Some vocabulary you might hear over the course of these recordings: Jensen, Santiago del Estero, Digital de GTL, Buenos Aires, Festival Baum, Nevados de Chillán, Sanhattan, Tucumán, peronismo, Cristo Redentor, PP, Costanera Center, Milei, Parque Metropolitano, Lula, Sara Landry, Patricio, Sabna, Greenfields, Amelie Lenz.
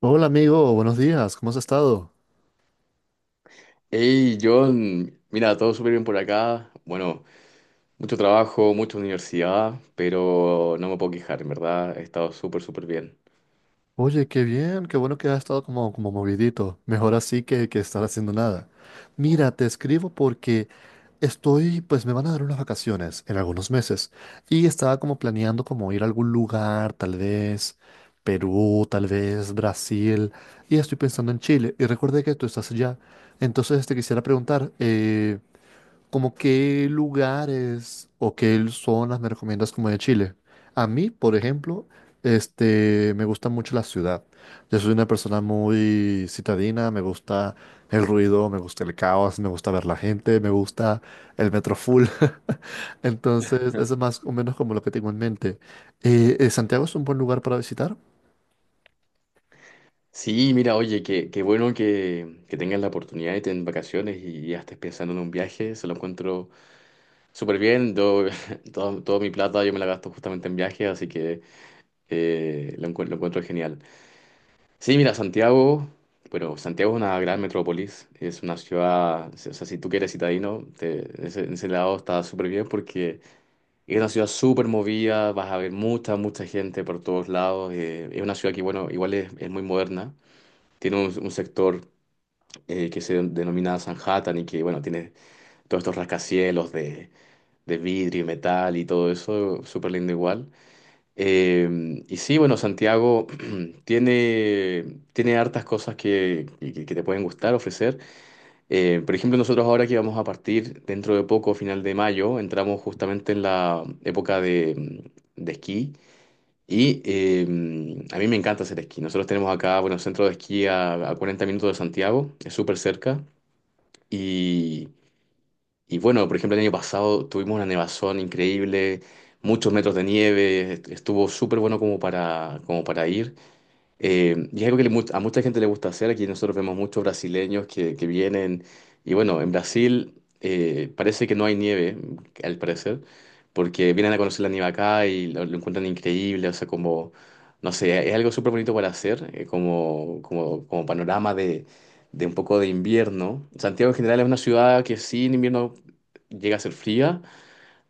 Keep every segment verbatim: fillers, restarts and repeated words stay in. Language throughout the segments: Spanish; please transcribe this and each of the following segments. Hola amigo, buenos días, ¿cómo has estado? Hey, John, mira, todo súper bien por acá. Bueno, mucho trabajo, mucha universidad, pero no me puedo quejar, en verdad, he estado súper, súper bien. Oye, qué bien, qué bueno que has estado como, como movidito, mejor así que, que estar haciendo nada. Mira, te escribo porque estoy, pues me van a dar unas vacaciones en algunos meses y estaba como planeando como ir a algún lugar, tal vez Perú, tal vez Brasil, y estoy pensando en Chile y recuerde que tú estás allá, entonces te quisiera preguntar, eh, ¿como qué lugares o qué zonas me recomiendas como de Chile? A mí, por ejemplo, este, me gusta mucho la ciudad. Yo soy una persona muy citadina, me gusta el ruido, me gusta el caos, me gusta ver la gente, me gusta el metro full. Entonces, eso es más o menos como lo que tengo en mente. Eh, eh, ¿Santiago es un buen lugar para visitar? Sí, mira, oye, qué, qué bueno que, que tengas la oportunidad de tener vacaciones y ya estés pensando en un viaje, se lo encuentro súper bien. Yo, todo- toda mi plata yo me la gasto justamente en viajes, así que eh, lo encuentro, lo encuentro genial. Sí, mira, Santiago, bueno, Santiago es una gran metrópolis, es una ciudad, o sea, si tú quieres eres citadino, te- en ese, en ese lado está súper bien porque es una ciudad súper movida, vas a ver mucha, mucha gente por todos lados, eh, es una ciudad que, bueno, igual es, es muy moderna, tiene un, un sector eh, que se denomina Sanhattan y que, bueno, tiene todos estos rascacielos de, de vidrio y metal y todo eso, súper lindo igual. Eh, y sí, bueno, Santiago tiene, tiene hartas cosas que, que- que te pueden gustar, ofrecer. Eh, por ejemplo, nosotros ahora que vamos a partir dentro de poco, final de mayo, entramos justamente en la época de, mm, de esquí. Y eh, a mí me encanta hacer esquí. Nosotros tenemos acá, bueno, centro de esquí a, a cuarenta minutos de Santiago, es súper cerca. Y bueno, por ejemplo, el año pasado tuvimos una nevazón increíble, muchos metros de nieve, est- estuvo súper bueno como para, como para ir. Eh, y es algo que le mu- a mucha gente le gusta hacer. Aquí nosotros vemos muchos brasileños que, que vienen. Y bueno, en Brasil eh, parece que no hay nieve, al parecer, porque vienen a conocer la nieve acá y lo, lo encuentran increíble. O sea, como, no sé, es algo súper bonito para hacer, eh, como, como, como panorama de, de un poco de invierno. Santiago en general es una ciudad que sí, en invierno llega a ser fría,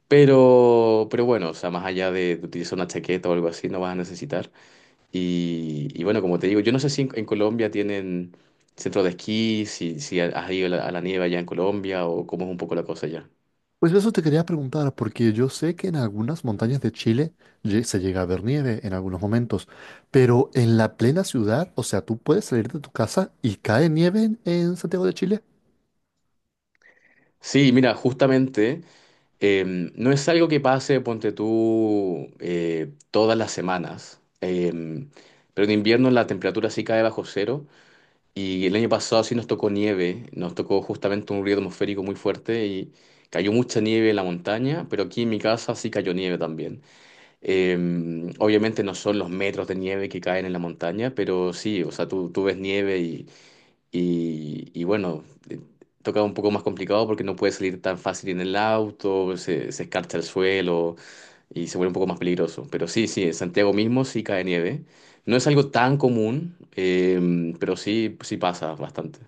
pero, pero bueno, o sea, más allá de, de utilizar una chaqueta o algo así, no vas a necesitar. Y, y bueno, como te digo, yo no sé si en, en, Colombia tienen centro de esquí, si, si has ido a la, a la nieve allá en Colombia o cómo es un poco la cosa allá. Pues eso te quería preguntar, porque yo sé que en algunas montañas de Chile lle- se llega a ver nieve en algunos momentos, pero en la plena ciudad, o sea, tú puedes salir de tu casa y cae nieve en, en Santiago de Chile. Sí, mira, justamente eh, no es algo que pase, ponte tú, eh, todas las semanas, eh, pero en invierno la temperatura sí cae bajo cero y el año pasado sí nos tocó nieve, nos tocó justamente un río atmosférico muy fuerte y cayó mucha nieve en la montaña, pero aquí en mi casa sí cayó nieve también. Eh, obviamente no son los metros de nieve que caen en la montaña, pero sí, o sea, tú, tú ves nieve y, y, y bueno, eh, toca un poco más complicado porque no puedes salir tan fácil en el auto, se, se escarcha el suelo y se vuelve un poco más peligroso. Pero sí, sí, en Santiago mismo sí cae nieve. No es algo tan común, eh, pero sí, sí pasa bastante.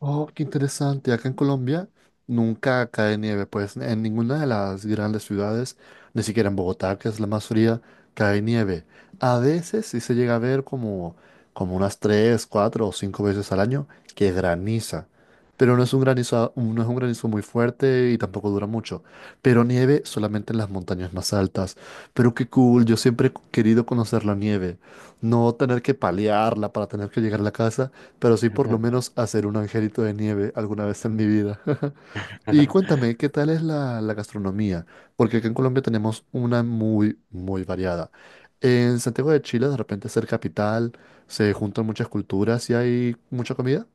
Oh, qué interesante. Acá en Colombia nunca cae nieve, pues en ninguna de las grandes ciudades, ni siquiera en Bogotá, que es la más fría, cae nieve. A veces sí se llega a ver como, como unas tres, cuatro o cinco veces al año que graniza. Pero no es un granizo, no es un granizo muy fuerte y tampoco dura mucho. Pero nieve solamente en las montañas más altas. Pero qué cool, yo siempre he querido conocer la nieve. No tener que palearla para tener que llegar a la casa, pero sí por lo menos hacer un angelito de nieve alguna vez en mi vida. Y cuéntame, ¿qué tal es la, la gastronomía? Porque aquí en Colombia tenemos una muy, muy variada. En Santiago de Chile, de repente ser capital, se juntan muchas culturas y hay mucha comida.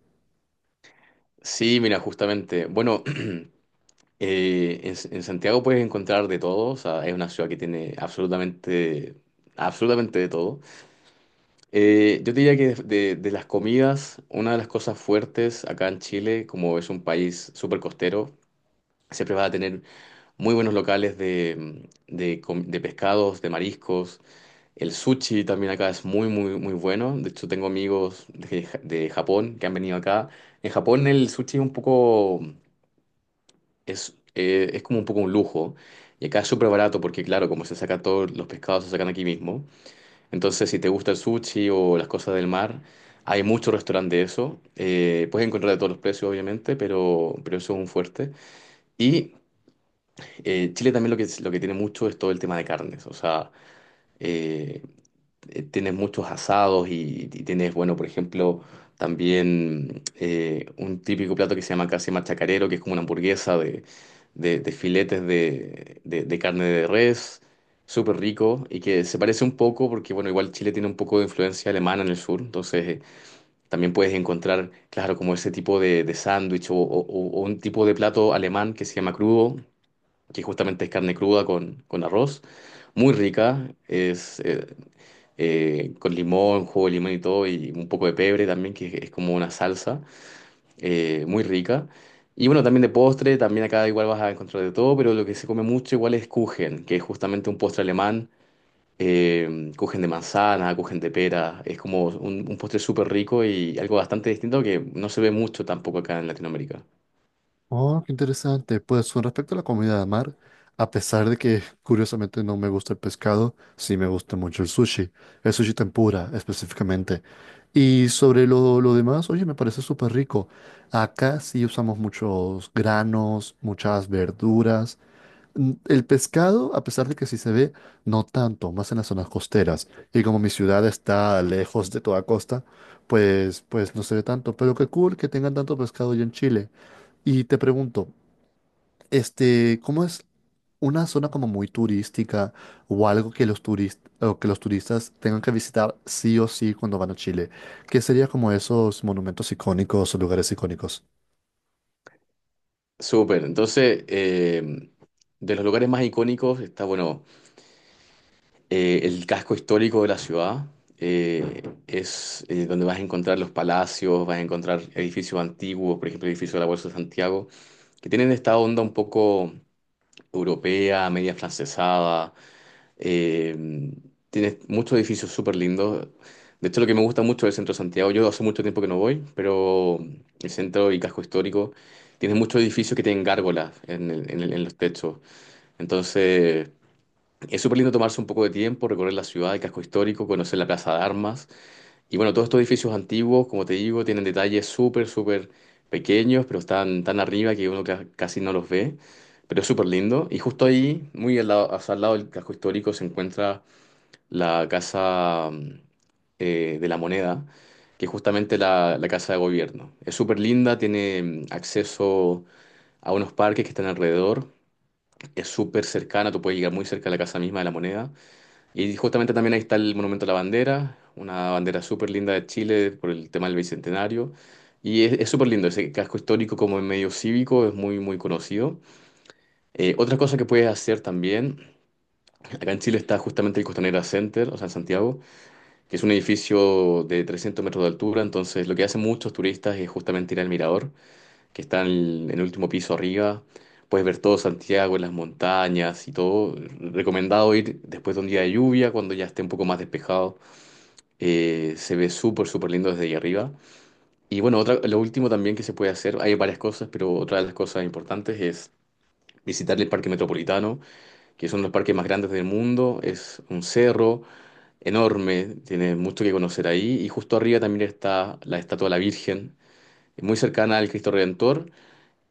Sí, mira, justamente. Bueno, Eh, en, en Santiago puedes encontrar de todo, o sea, es una ciudad que tiene absolutamente, absolutamente de todo. Eh, yo te diría que de, de las comidas, una de las cosas fuertes acá en Chile, como es un país súper costero, siempre vas a tener muy buenos locales de, de, com- de pescados, de mariscos. El sushi también acá es muy, muy, muy bueno. De hecho, tengo amigos de, Ja- de Japón que han venido acá. En Japón el sushi es un poco. Es, eh, es como un poco un lujo. Y acá es súper barato porque, claro, como se saca todos los pescados, se sacan aquí mismo. Entonces, si te gusta el sushi o las cosas del mar, hay muchos restaurantes de eso. Eh, puedes encontrar de todos los precios, obviamente, pero, pero eso es un fuerte. Y eh, Chile también lo que, lo que tiene mucho es todo el tema de carnes. O sea, eh, eh, tienes muchos asados y, y tienes, bueno, por ejemplo, también eh, un típico plato que se llama casi machacarero, que es como una hamburguesa de, de- de filetes de- de- de carne de res, súper rico y que se parece un poco porque, bueno, igual Chile tiene un poco de influencia alemana en el sur, entonces eh, también puedes encontrar, claro, como ese tipo de, de sándwich o, o- o o un tipo de plato alemán que se llama crudo, que justamente es carne cruda con, con arroz. Muy rica, es, eh, eh, con limón, jugo de limón y todo, y un poco de pebre también, que es como una salsa eh, muy rica. Y bueno, también de postre, también acá igual vas a encontrar de todo, pero lo que se come mucho igual es Kuchen, que es justamente un postre alemán, eh, Kuchen de manzana, Kuchen de pera, es como un, un postre súper rico y algo bastante distinto que no se ve mucho tampoco acá en Latinoamérica. Oh, qué interesante. Pues con respecto a la comida de mar, a pesar de que curiosamente no me gusta el pescado, sí me gusta mucho el sushi, el sushi tempura específicamente. Y sobre lo, lo demás, oye, me parece súper rico. Acá sí usamos muchos granos, muchas verduras. Mm, El pescado, a pesar de que sí se ve, no tanto, más en las zonas costeras. Y como mi ciudad está lejos de toda costa, pues, pues no se ve tanto. Pero qué cool que tengan tanto pescado allá en Chile. Y te pregunto, este, ¿cómo es una zona como muy turística o algo que los turistas o que los turistas tengan que visitar sí o sí cuando van a Chile? ¿Qué sería como esos monumentos icónicos o lugares icónicos? Súper, entonces, eh, de los lugares más icónicos está, bueno, eh, el casco histórico de la ciudad eh, es eh, donde vas a encontrar los palacios, vas a encontrar edificios antiguos, por ejemplo, el edificio de la Bolsa de Santiago, que tienen esta onda un poco europea, media francesada. eh, tienes muchos edificios súper lindos. De hecho, lo que me gusta mucho del centro de Santiago, yo hace mucho tiempo que no voy, pero el centro y casco histórico tiene muchos edificios que tienen gárgolas en el- en el- en los techos. Entonces, es súper lindo tomarse un poco de tiempo, recorrer la ciudad, el casco histórico, conocer la Plaza de Armas. Y bueno, todos estos edificios antiguos, como te digo, tienen detalles súper, súper pequeños, pero están tan arriba que uno ca- casi no los ve. Pero es súper lindo. Y justo ahí, muy al lado, o sea, al lado del casco histórico, se encuentra la Casa mm, eh, de la Moneda, que es justamente la, la Casa de Gobierno. Es súper linda, tiene mm, acceso a unos parques que están alrededor. Es súper cercana, tú puedes llegar muy cerca a la Casa misma de la Moneda. Y justamente también ahí está el Monumento a la Bandera, una bandera súper linda de Chile por el tema del Bicentenario. Y es es súper lindo, ese casco histórico como en medio cívico es muy, muy conocido. Eh, otra cosa que puedes hacer también, acá en Chile está justamente el Costanera Center, o sea, en Santiago, que es un edificio de trescientos metros de altura, entonces lo que hacen muchos turistas es justamente ir al mirador, que está en el, en el último piso arriba, puedes ver todo Santiago, las montañas y todo. Recomendado ir después de un día de lluvia, cuando ya esté un poco más despejado eh, se ve súper, súper lindo desde ahí arriba. Y bueno, otra, lo último también que se puede hacer, hay varias cosas, pero otra de las cosas importantes es visitar el Parque Metropolitano, que es uno de los parques más grandes del mundo, es un cerro enorme, tiene mucho que conocer ahí, y justo arriba también está la estatua de la Virgen, muy cercana al Cristo Redentor,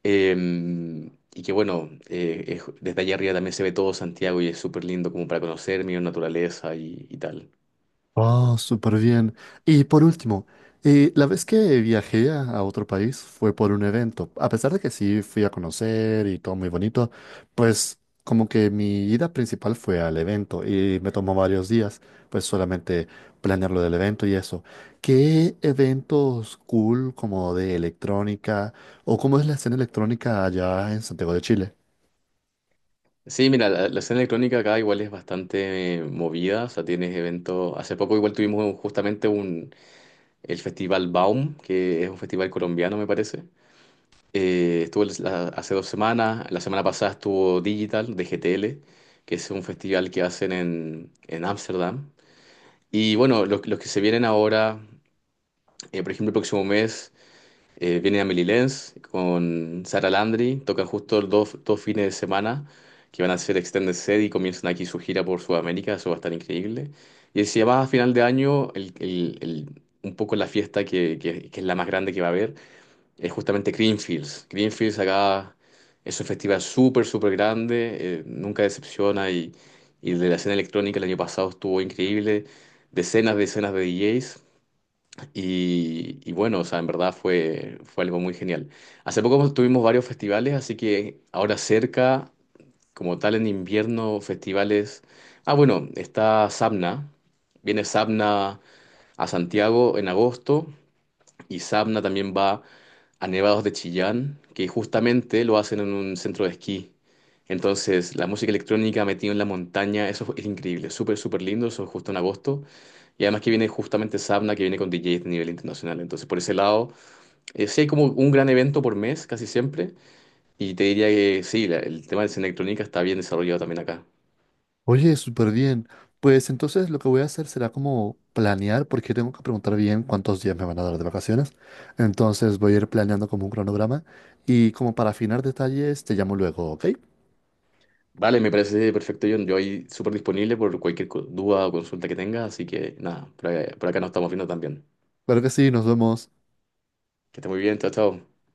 eh, y que bueno, eh, es- desde allá arriba también se ve todo Santiago y es súper lindo como para conocer, mirar naturaleza y, y tal. Oh, súper bien. Y por último, eh, la vez que viajé a, a otro país fue por un evento. A pesar de que sí fui a conocer y todo muy bonito, pues como que mi ida principal fue al evento y me tomó varios días, pues solamente planear lo del evento y eso. ¿Qué eventos cool como de electrónica o cómo es la escena electrónica allá en Santiago de Chile? Sí, mira, la, la escena electrónica acá igual es bastante eh, movida, o sea, tienes eventos, hace poco igual tuvimos justamente un, el Festival Baum, que es un festival colombiano, me parece. Eh, estuvo el- la- hace dos semanas, la semana pasada estuvo Digital de G T L, que es un festival que hacen en en Ámsterdam. Y bueno, los, los que se vienen ahora, eh, por ejemplo, el próximo mes. Eh, viene Amelie Lenz con Sara Landry, tocan justo los dos, dos fines de semana que van a ser Extended Set y comienzan aquí su gira por Sudamérica, eso va a estar increíble. Y si además a final de año, el, el- el- un poco la fiesta que, que- que es la más grande que va a haber es justamente Greenfields. Greenfields acá es un festival súper, súper grande, eh, nunca decepciona y, y de la escena electrónica el año pasado estuvo increíble, decenas, decenas de D Js. Y, y bueno, o sea, en verdad fue, fue algo muy genial. Hace poco tuvimos varios festivales, así que ahora cerca, como tal en invierno, festivales. Ah, bueno, está Sabna. Viene Sabna a Santiago en agosto. Y Sabna también va a Nevados de Chillán, que justamente lo hacen en un centro de esquí. Entonces, la música electrónica metida en la montaña, eso es increíble, súper, súper lindo, eso es justo en agosto. Y además que viene justamente Sabna, que viene con D Js de nivel internacional. Entonces, por ese lado, eh, sí hay como un gran evento por mes, casi siempre. Y te diría que sí, la- el tema de escena electrónica está bien desarrollado también acá. Oye, súper bien. Pues entonces lo que voy a hacer será como planear, porque tengo que preguntar bien cuántos días me van a dar de vacaciones. Entonces voy a ir planeando como un cronograma y como para afinar detalles te llamo luego, ¿ok? Vale, me parece perfecto, John. Yo ahí súper disponible por cualquier co- duda o consulta que tengas. Así que nada, por, ahí- por acá nos estamos viendo también. Claro que sí, nos vemos. Que esté muy bien, chao, chao.